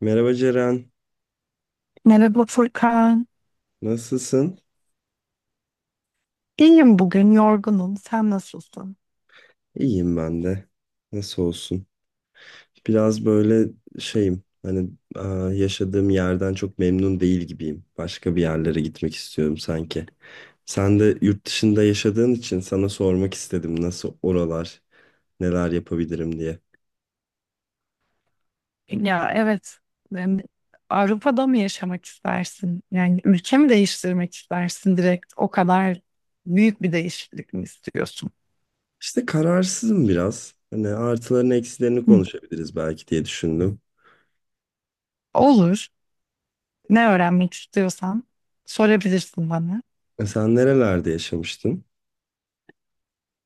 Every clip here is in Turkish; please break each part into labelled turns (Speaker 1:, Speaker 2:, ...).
Speaker 1: Merhaba Ceren,
Speaker 2: Merhaba Furkan.
Speaker 1: nasılsın?
Speaker 2: İyiyim bugün, yorgunum. Sen nasılsın?
Speaker 1: İyiyim ben de. Nasıl olsun? Biraz böyle şeyim, hani aa, yaşadığım yerden çok memnun değil gibiyim. Başka bir yerlere gitmek istiyorum sanki. Sen de yurt dışında yaşadığın için sana sormak istedim nasıl oralar, neler yapabilirim diye.
Speaker 2: Ya evet, em, Avrupa'da mı yaşamak istersin? Yani ülke mi değiştirmek istersin direkt? O kadar büyük bir değişiklik mi istiyorsun?
Speaker 1: İşte kararsızım biraz. Hani artılarını eksilerini
Speaker 2: Hı,
Speaker 1: konuşabiliriz belki diye düşündüm.
Speaker 2: olur. Ne öğrenmek istiyorsan sorabilirsin bana.
Speaker 1: Sen nerelerde yaşamıştın?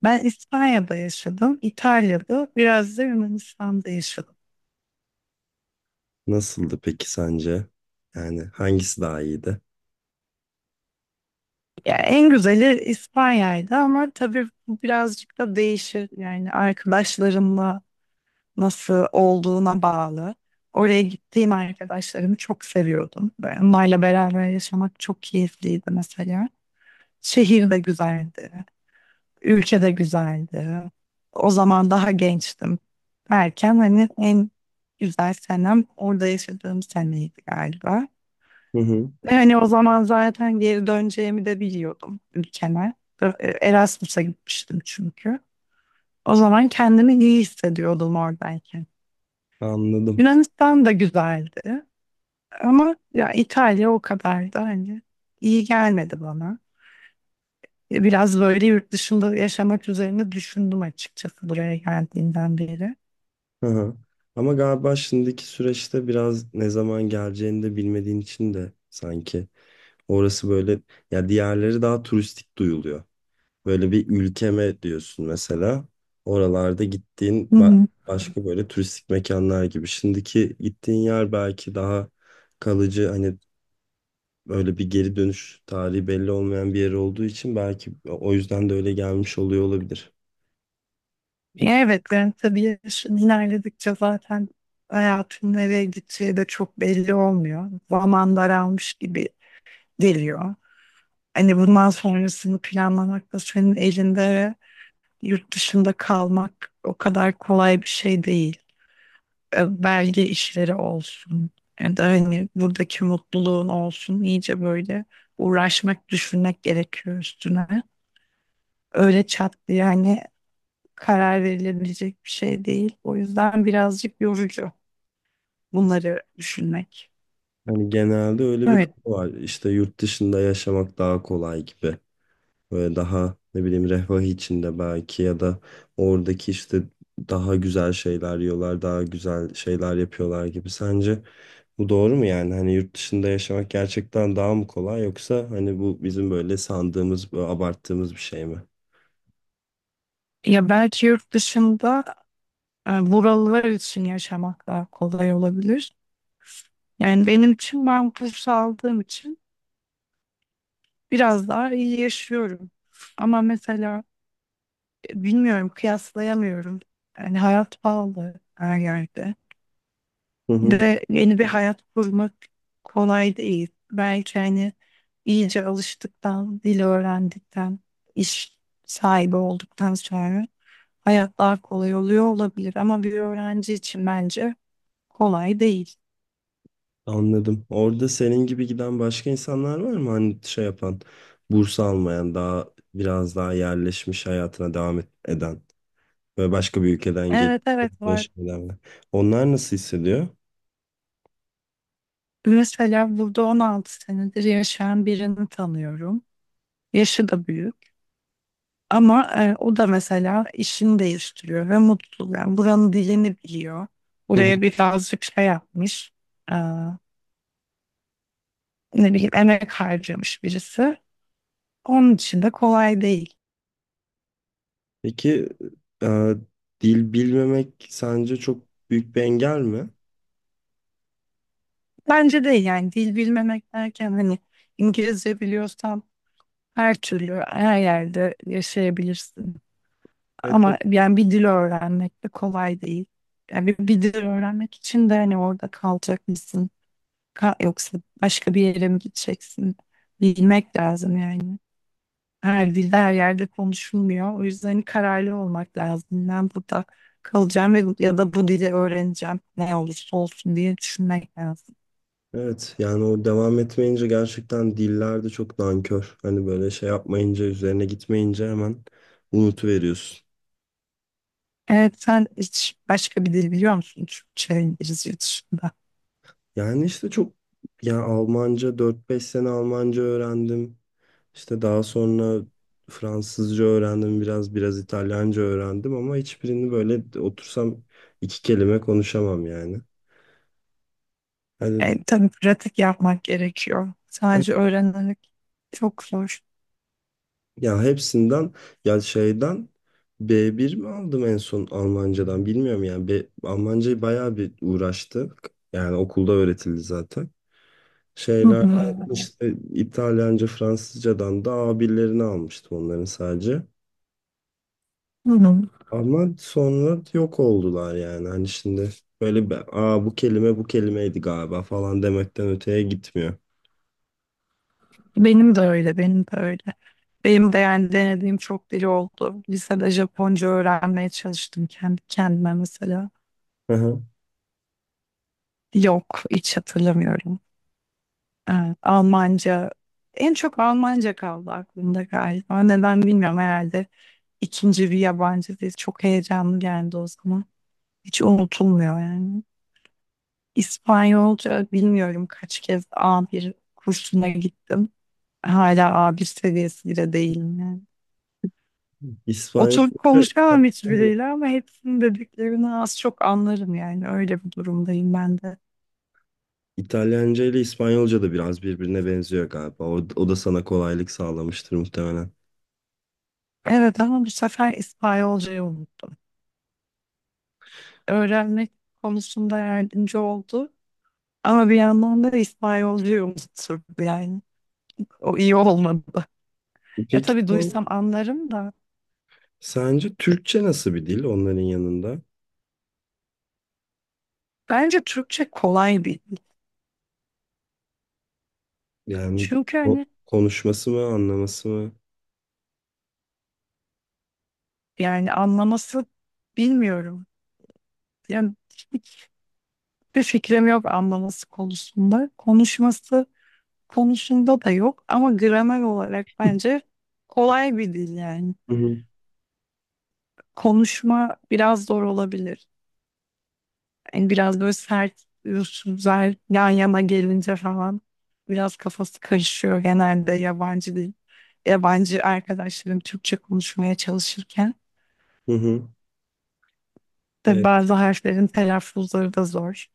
Speaker 2: Ben İspanya'da yaşadım, İtalya'da, biraz da Yunanistan'da yaşadım.
Speaker 1: Nasıldı peki sence? Yani hangisi daha iyiydi?
Speaker 2: Ya en güzeli İspanya'ydı ama tabii bu birazcık da değişir. Yani arkadaşlarımla nasıl olduğuna bağlı. Oraya gittiğim arkadaşlarımı çok seviyordum. Böyle onlarla beraber yaşamak çok keyifliydi mesela. Şehir de güzeldi. Ülke de güzeldi. O zaman daha gençtim. Erken hani en güzel senem orada yaşadığım seneydi galiba.
Speaker 1: Hı hı.
Speaker 2: Ve hani o zaman zaten geri döneceğimi de biliyordum ülkeme. Erasmus'a gitmiştim çünkü. O zaman kendimi iyi hissediyordum oradayken.
Speaker 1: Anladım.
Speaker 2: Yunanistan da güzeldi. Ama ya İtalya o kadar da hani iyi gelmedi bana. Biraz böyle yurt dışında yaşamak üzerine düşündüm açıkçası buraya geldiğinden beri.
Speaker 1: Hı hı. Ama galiba şimdiki süreçte biraz ne zaman geleceğini de bilmediğin için de sanki orası böyle ya diğerleri daha turistik duyuluyor. Böyle bir ülkeme diyorsun mesela. Oralarda gittiğin
Speaker 2: Hı hı.
Speaker 1: başka böyle turistik mekanlar gibi. Şimdiki gittiğin yer belki daha kalıcı hani böyle bir geri dönüş tarihi belli olmayan bir yer olduğu için belki o yüzden de öyle gelmiş oluyor olabilir.
Speaker 2: Evet, yani tabii yaşın ilerledikçe zaten hayatın nereye gideceği de çok belli olmuyor. Zaman daralmış gibi geliyor. Hani bundan sonrasını planlamak da senin elinde ve yurt dışında kalmak o kadar kolay bir şey değil. Belge işleri olsun. Yani da hani buradaki mutluluğun olsun. İyice böyle uğraşmak, düşünmek gerekiyor üstüne. Öyle çat diye hani karar verilebilecek bir şey değil. O yüzden birazcık yorucu bunları düşünmek.
Speaker 1: Hani genelde öyle bir
Speaker 2: Evet.
Speaker 1: kafa var. İşte yurt dışında yaşamak daha kolay gibi. Böyle daha ne bileyim refah içinde belki ya da oradaki işte daha güzel şeyler yiyorlar, daha güzel şeyler yapıyorlar gibi. Sence bu doğru mu yani? Hani yurt dışında yaşamak gerçekten daha mı kolay yoksa hani bu bizim böyle sandığımız, böyle abarttığımız bir şey mi?
Speaker 2: Ya belki yurt dışında buralılar için yaşamak daha kolay olabilir. Yani benim için ben kurs aldığım için biraz daha iyi yaşıyorum. Ama mesela bilmiyorum, kıyaslayamıyorum. Yani hayat pahalı her yerde.
Speaker 1: Hı hı.
Speaker 2: Bir de yeni bir hayat kurmak kolay değil. Belki hani iyice alıştıktan, dil öğrendikten, iş sahibi olduktan sonra hayat daha kolay oluyor olabilir. Ama bir öğrenci için bence kolay değil.
Speaker 1: Anladım. Orada senin gibi giden başka insanlar var mı? Hani şey yapan, burs almayan, daha biraz daha yerleşmiş hayatına eden ve başka bir ülkeden gelip
Speaker 2: Evet evet var.
Speaker 1: yaşayanlar. Onlar nasıl hissediyor?
Speaker 2: Mesela burada 16 senedir yaşayan birini tanıyorum. Yaşı da büyük. Ama o da mesela işini değiştiriyor ve mutlu. Yani buranın dilini biliyor.
Speaker 1: Hı hı.
Speaker 2: Buraya birazcık şey yapmış. e, ne bileyim emek harcamış birisi. Onun için de kolay değil.
Speaker 1: Peki e, dil bilmemek sence çok büyük bir engel mi?
Speaker 2: Bence değil yani dil bilmemek derken hani İngilizce biliyorsan her türlü her yerde yaşayabilirsin.
Speaker 1: Evet.
Speaker 2: Ama yani bir dil öğrenmek de kolay değil. Yani bir dil öğrenmek için de hani orada kalacak. Yoksa başka bir yere mi gideceksin? Bilmek lazım yani. Her dilde her yerde konuşulmuyor. O yüzden hani kararlı olmak lazım. Ben burada kalacağım ve ya da bu dili öğreneceğim. Ne olursa olsun diye düşünmek lazım.
Speaker 1: Evet. Yani o devam etmeyince gerçekten diller de çok nankör. Hani böyle şey yapmayınca, üzerine gitmeyince hemen unutuveriyorsun.
Speaker 2: Evet sen hiç başka bir dil biliyor musun? Türkçe, İngilizce dışında.
Speaker 1: Yani işte çok yani Almanca dört beş sene Almanca öğrendim. İşte daha sonra Fransızca öğrendim biraz İtalyanca öğrendim ama hiçbirini böyle otursam iki kelime konuşamam yani. Hani
Speaker 2: E, tabii pratik yapmak gerekiyor. Sadece öğrenerek çok zor.
Speaker 1: ya hepsinden ya şeyden B1 mi aldım en son Almancadan bilmiyorum yani B, Almancayı bayağı bir uğraştık. Yani okulda öğretildi zaten.
Speaker 2: Hı
Speaker 1: Şeyler
Speaker 2: hı.
Speaker 1: işte İtalyanca, Fransızcadan da A1'lerini almıştım onların sadece.
Speaker 2: Hı hı.
Speaker 1: Ama sonra yok oldular yani. Hani şimdi böyle bir, aa bu kelime bu kelimeydi galiba falan demekten öteye gitmiyor.
Speaker 2: Benim de öyle, benim de öyle. Benim de yani denediğim çok dil oldu. Lisede Japonca öğrenmeye çalıştım kendi kendime mesela.
Speaker 1: Hı hı.
Speaker 2: Yok, hiç hatırlamıyorum. Evet, Almanca, en çok Almanca kaldı aklımda galiba. Neden bilmiyorum herhalde. İkinci bir yabancı dil çok heyecanlı geldi o zaman. Hiç unutulmuyor yani. İspanyolca bilmiyorum kaç kez a bir kursuna gittim. Hala A1 seviyesinde değilim yani.
Speaker 1: İspanyolca,
Speaker 2: Oturup konuşamam hiçbiriyle ama hepsinin dediklerini az çok anlarım yani öyle bir durumdayım ben de.
Speaker 1: İtalyanca ile İspanyolca da biraz birbirine benziyor galiba. O da sana kolaylık sağlamıştır muhtemelen.
Speaker 2: Evet ama bu sefer İspanyolcayı unuttum. Öğrenmek konusunda yardımcı oldu ama bir yandan da İspanyolcayı unuttum yani. O iyi olmadı. E
Speaker 1: Peki
Speaker 2: tabii
Speaker 1: sen-
Speaker 2: duysam anlarım da.
Speaker 1: Sence Türkçe nasıl bir dil onların yanında?
Speaker 2: Bence Türkçe kolay bir.
Speaker 1: Yani
Speaker 2: Çünkü
Speaker 1: o,
Speaker 2: hani
Speaker 1: konuşması mı, anlaması mı?
Speaker 2: yani anlaması bilmiyorum. Yani hiçbir fikrim yok anlaması konusunda. Konuşması konusunda da yok ama gramer olarak bence kolay bir dil yani.
Speaker 1: Hı hı.
Speaker 2: Konuşma biraz zor olabilir. Yani biraz böyle sert üsluplar yan yana gelince falan biraz kafası karışıyor genelde yabancı dil. Yabancı arkadaşlarım Türkçe konuşmaya çalışırken
Speaker 1: Hı hı.
Speaker 2: de
Speaker 1: Evet,
Speaker 2: bazı harflerin telaffuzları da zor.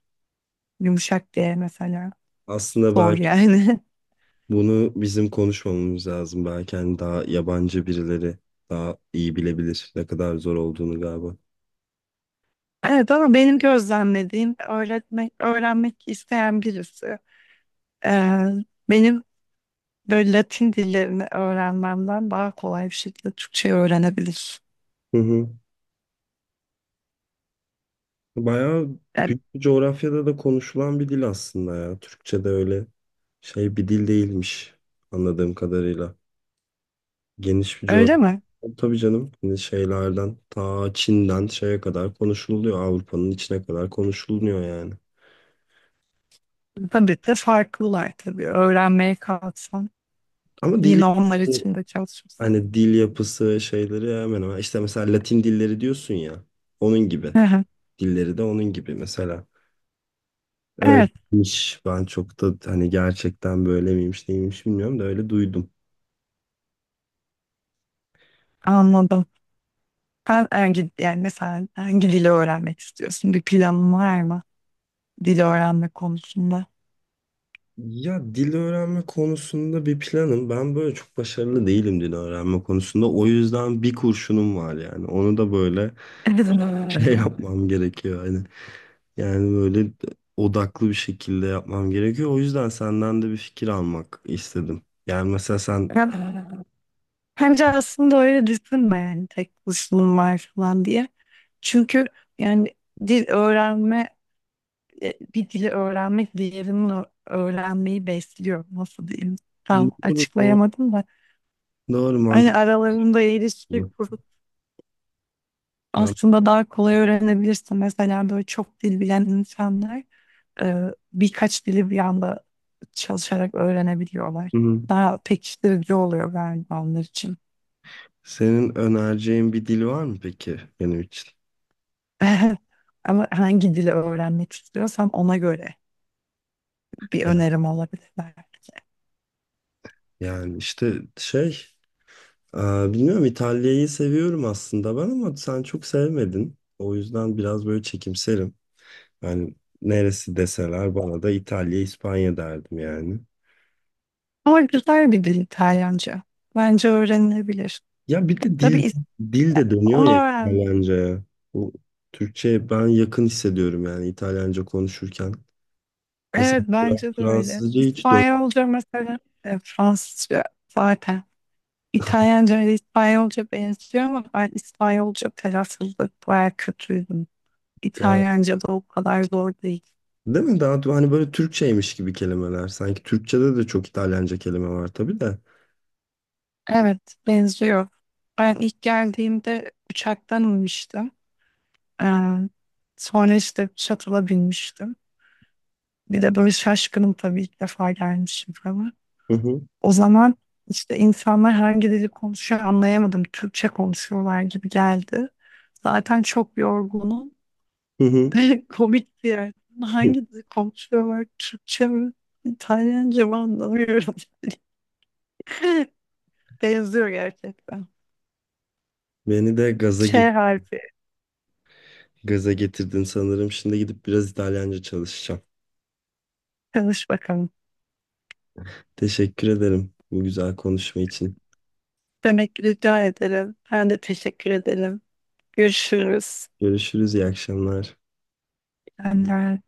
Speaker 2: Yumuşak diye mesela
Speaker 1: aslında
Speaker 2: zor
Speaker 1: belki
Speaker 2: yani.
Speaker 1: bunu bizim konuşmamamız lazım. Belki hani daha yabancı birileri daha iyi bilebilir ne kadar zor olduğunu galiba.
Speaker 2: Evet ama benim gözlemlediğim öğretmek, öğrenmek isteyen birisi. Ee, benim böyle Latin dillerini öğrenmemden daha kolay bir şekilde Türkçeyi öğrenebilir.
Speaker 1: Hı hı. Bayağı
Speaker 2: Yani
Speaker 1: büyük bir coğrafyada da konuşulan bir dil aslında ya. Türkçe de öyle şey bir dil değilmiş anladığım kadarıyla. Geniş bir
Speaker 2: öyle
Speaker 1: coğrafya.
Speaker 2: mi?
Speaker 1: Tabii canım hani şeylerden ta Çin'den şeye kadar konuşuluyor. Avrupa'nın içine kadar konuşuluyor yani.
Speaker 2: Tabii de farklılar tabii. Öğrenmeye kalksan
Speaker 1: Ama dili
Speaker 2: yine onlar için de çalışırsın.
Speaker 1: hani dil yapısı şeyleri hemen hemen. İşte mesela Latin dilleri diyorsun ya. Onun gibi.
Speaker 2: Hı hı.
Speaker 1: Dilleri de onun gibi mesela.
Speaker 2: Evet
Speaker 1: Öyleymiş. Ben çok da hani gerçekten böyle miymiş neymiş bilmiyorum da öyle duydum.
Speaker 2: anladım. Sen hangi, yani mesela hangi dili öğrenmek istiyorsun? Bir planın var mı? Dil öğrenme konusunda.
Speaker 1: Ya dil öğrenme konusunda bir planım. Ben böyle çok başarılı değilim dil öğrenme konusunda. O yüzden bir kurşunum var yani. Onu da böyle şey yapmam gerekiyor. Hani yani böyle odaklı bir şekilde yapmam gerekiyor. O yüzden senden de bir fikir almak istedim. Yani mesela sen
Speaker 2: Evet. Bence aslında öyle düşünme yani tek kuşluğum var falan diye. Çünkü yani dil öğrenme, bir dili öğrenmek diğerinin öğrenmeyi besliyor. Nasıl diyeyim? Tam
Speaker 1: doğru,
Speaker 2: açıklayamadım da.
Speaker 1: doğru
Speaker 2: Hani
Speaker 1: mantıklı.
Speaker 2: aralarında ilişki kurup
Speaker 1: Tamam.
Speaker 2: aslında daha kolay öğrenebilirsin. Mesela böyle çok dil bilen insanlar birkaç dili bir anda çalışarak öğrenebiliyorlar.
Speaker 1: Hı hı.
Speaker 2: Daha pekiştirici oluyor galiba onlar için.
Speaker 1: Senin önereceğin bir dil var mı peki benim için?
Speaker 2: Ama hangi dili öğrenmek istiyorsam ona göre bir
Speaker 1: Ya-
Speaker 2: önerim olabilir belki.
Speaker 1: Yani işte şey, e, bilmiyorum İtalya'yı seviyorum aslında ben ama sen çok sevmedin. O yüzden biraz böyle çekimserim. Yani neresi deseler bana da İtalya, İspanya derdim yani.
Speaker 2: Ama güzel bir dil İtalyanca. Bence öğrenilebilir.
Speaker 1: Ya bir de
Speaker 2: Tabii
Speaker 1: dil de dönüyor
Speaker 2: onu
Speaker 1: ya
Speaker 2: öğren.
Speaker 1: İtalyanca'ya. Bu Türkçe ben yakın hissediyorum yani İtalyanca konuşurken.
Speaker 2: Evet bence de öyle.
Speaker 1: Fransızca hiç
Speaker 2: İspanyolca mesela Fransızca zaten. İtalyanca ile İspanyolca benziyor ama ben İspanyolca telaffuzda bayağı kötüydüm.
Speaker 1: dön.
Speaker 2: İtalyanca da o kadar zor değil.
Speaker 1: Değil mi? Daha hani böyle Türkçeymiş gibi kelimeler. Sanki Türkçede de çok İtalyanca kelime var tabii de.
Speaker 2: Evet benziyor. Ben ilk geldiğimde uçaktan inmiştim. Ee, sonra işte shuttle'a binmiştim. Bir de böyle şaşkınım tabii ilk defa gelmişim falan.
Speaker 1: Hı hı.
Speaker 2: O zaman işte insanlar hangi dili konuşuyor anlayamadım. Türkçe konuşuyorlar gibi geldi. Zaten çok yorgunum.
Speaker 1: Hı hı.
Speaker 2: Komik bir yer. Hangi dili konuşuyorlar? Türkçe mi? İtalyanca mı anlamıyorum. Benziyor gerçekten.
Speaker 1: Beni de gaza
Speaker 2: Ç
Speaker 1: ge-
Speaker 2: harfi.
Speaker 1: gaza getirdin sanırım. Şimdi gidip biraz İtalyanca çalışacağım.
Speaker 2: Çalış bakalım.
Speaker 1: Teşekkür ederim bu güzel konuşma için.
Speaker 2: Demek ki rica ederim. Ben de teşekkür ederim. Görüşürüz.
Speaker 1: Görüşürüz, iyi akşamlar.
Speaker 2: Ben de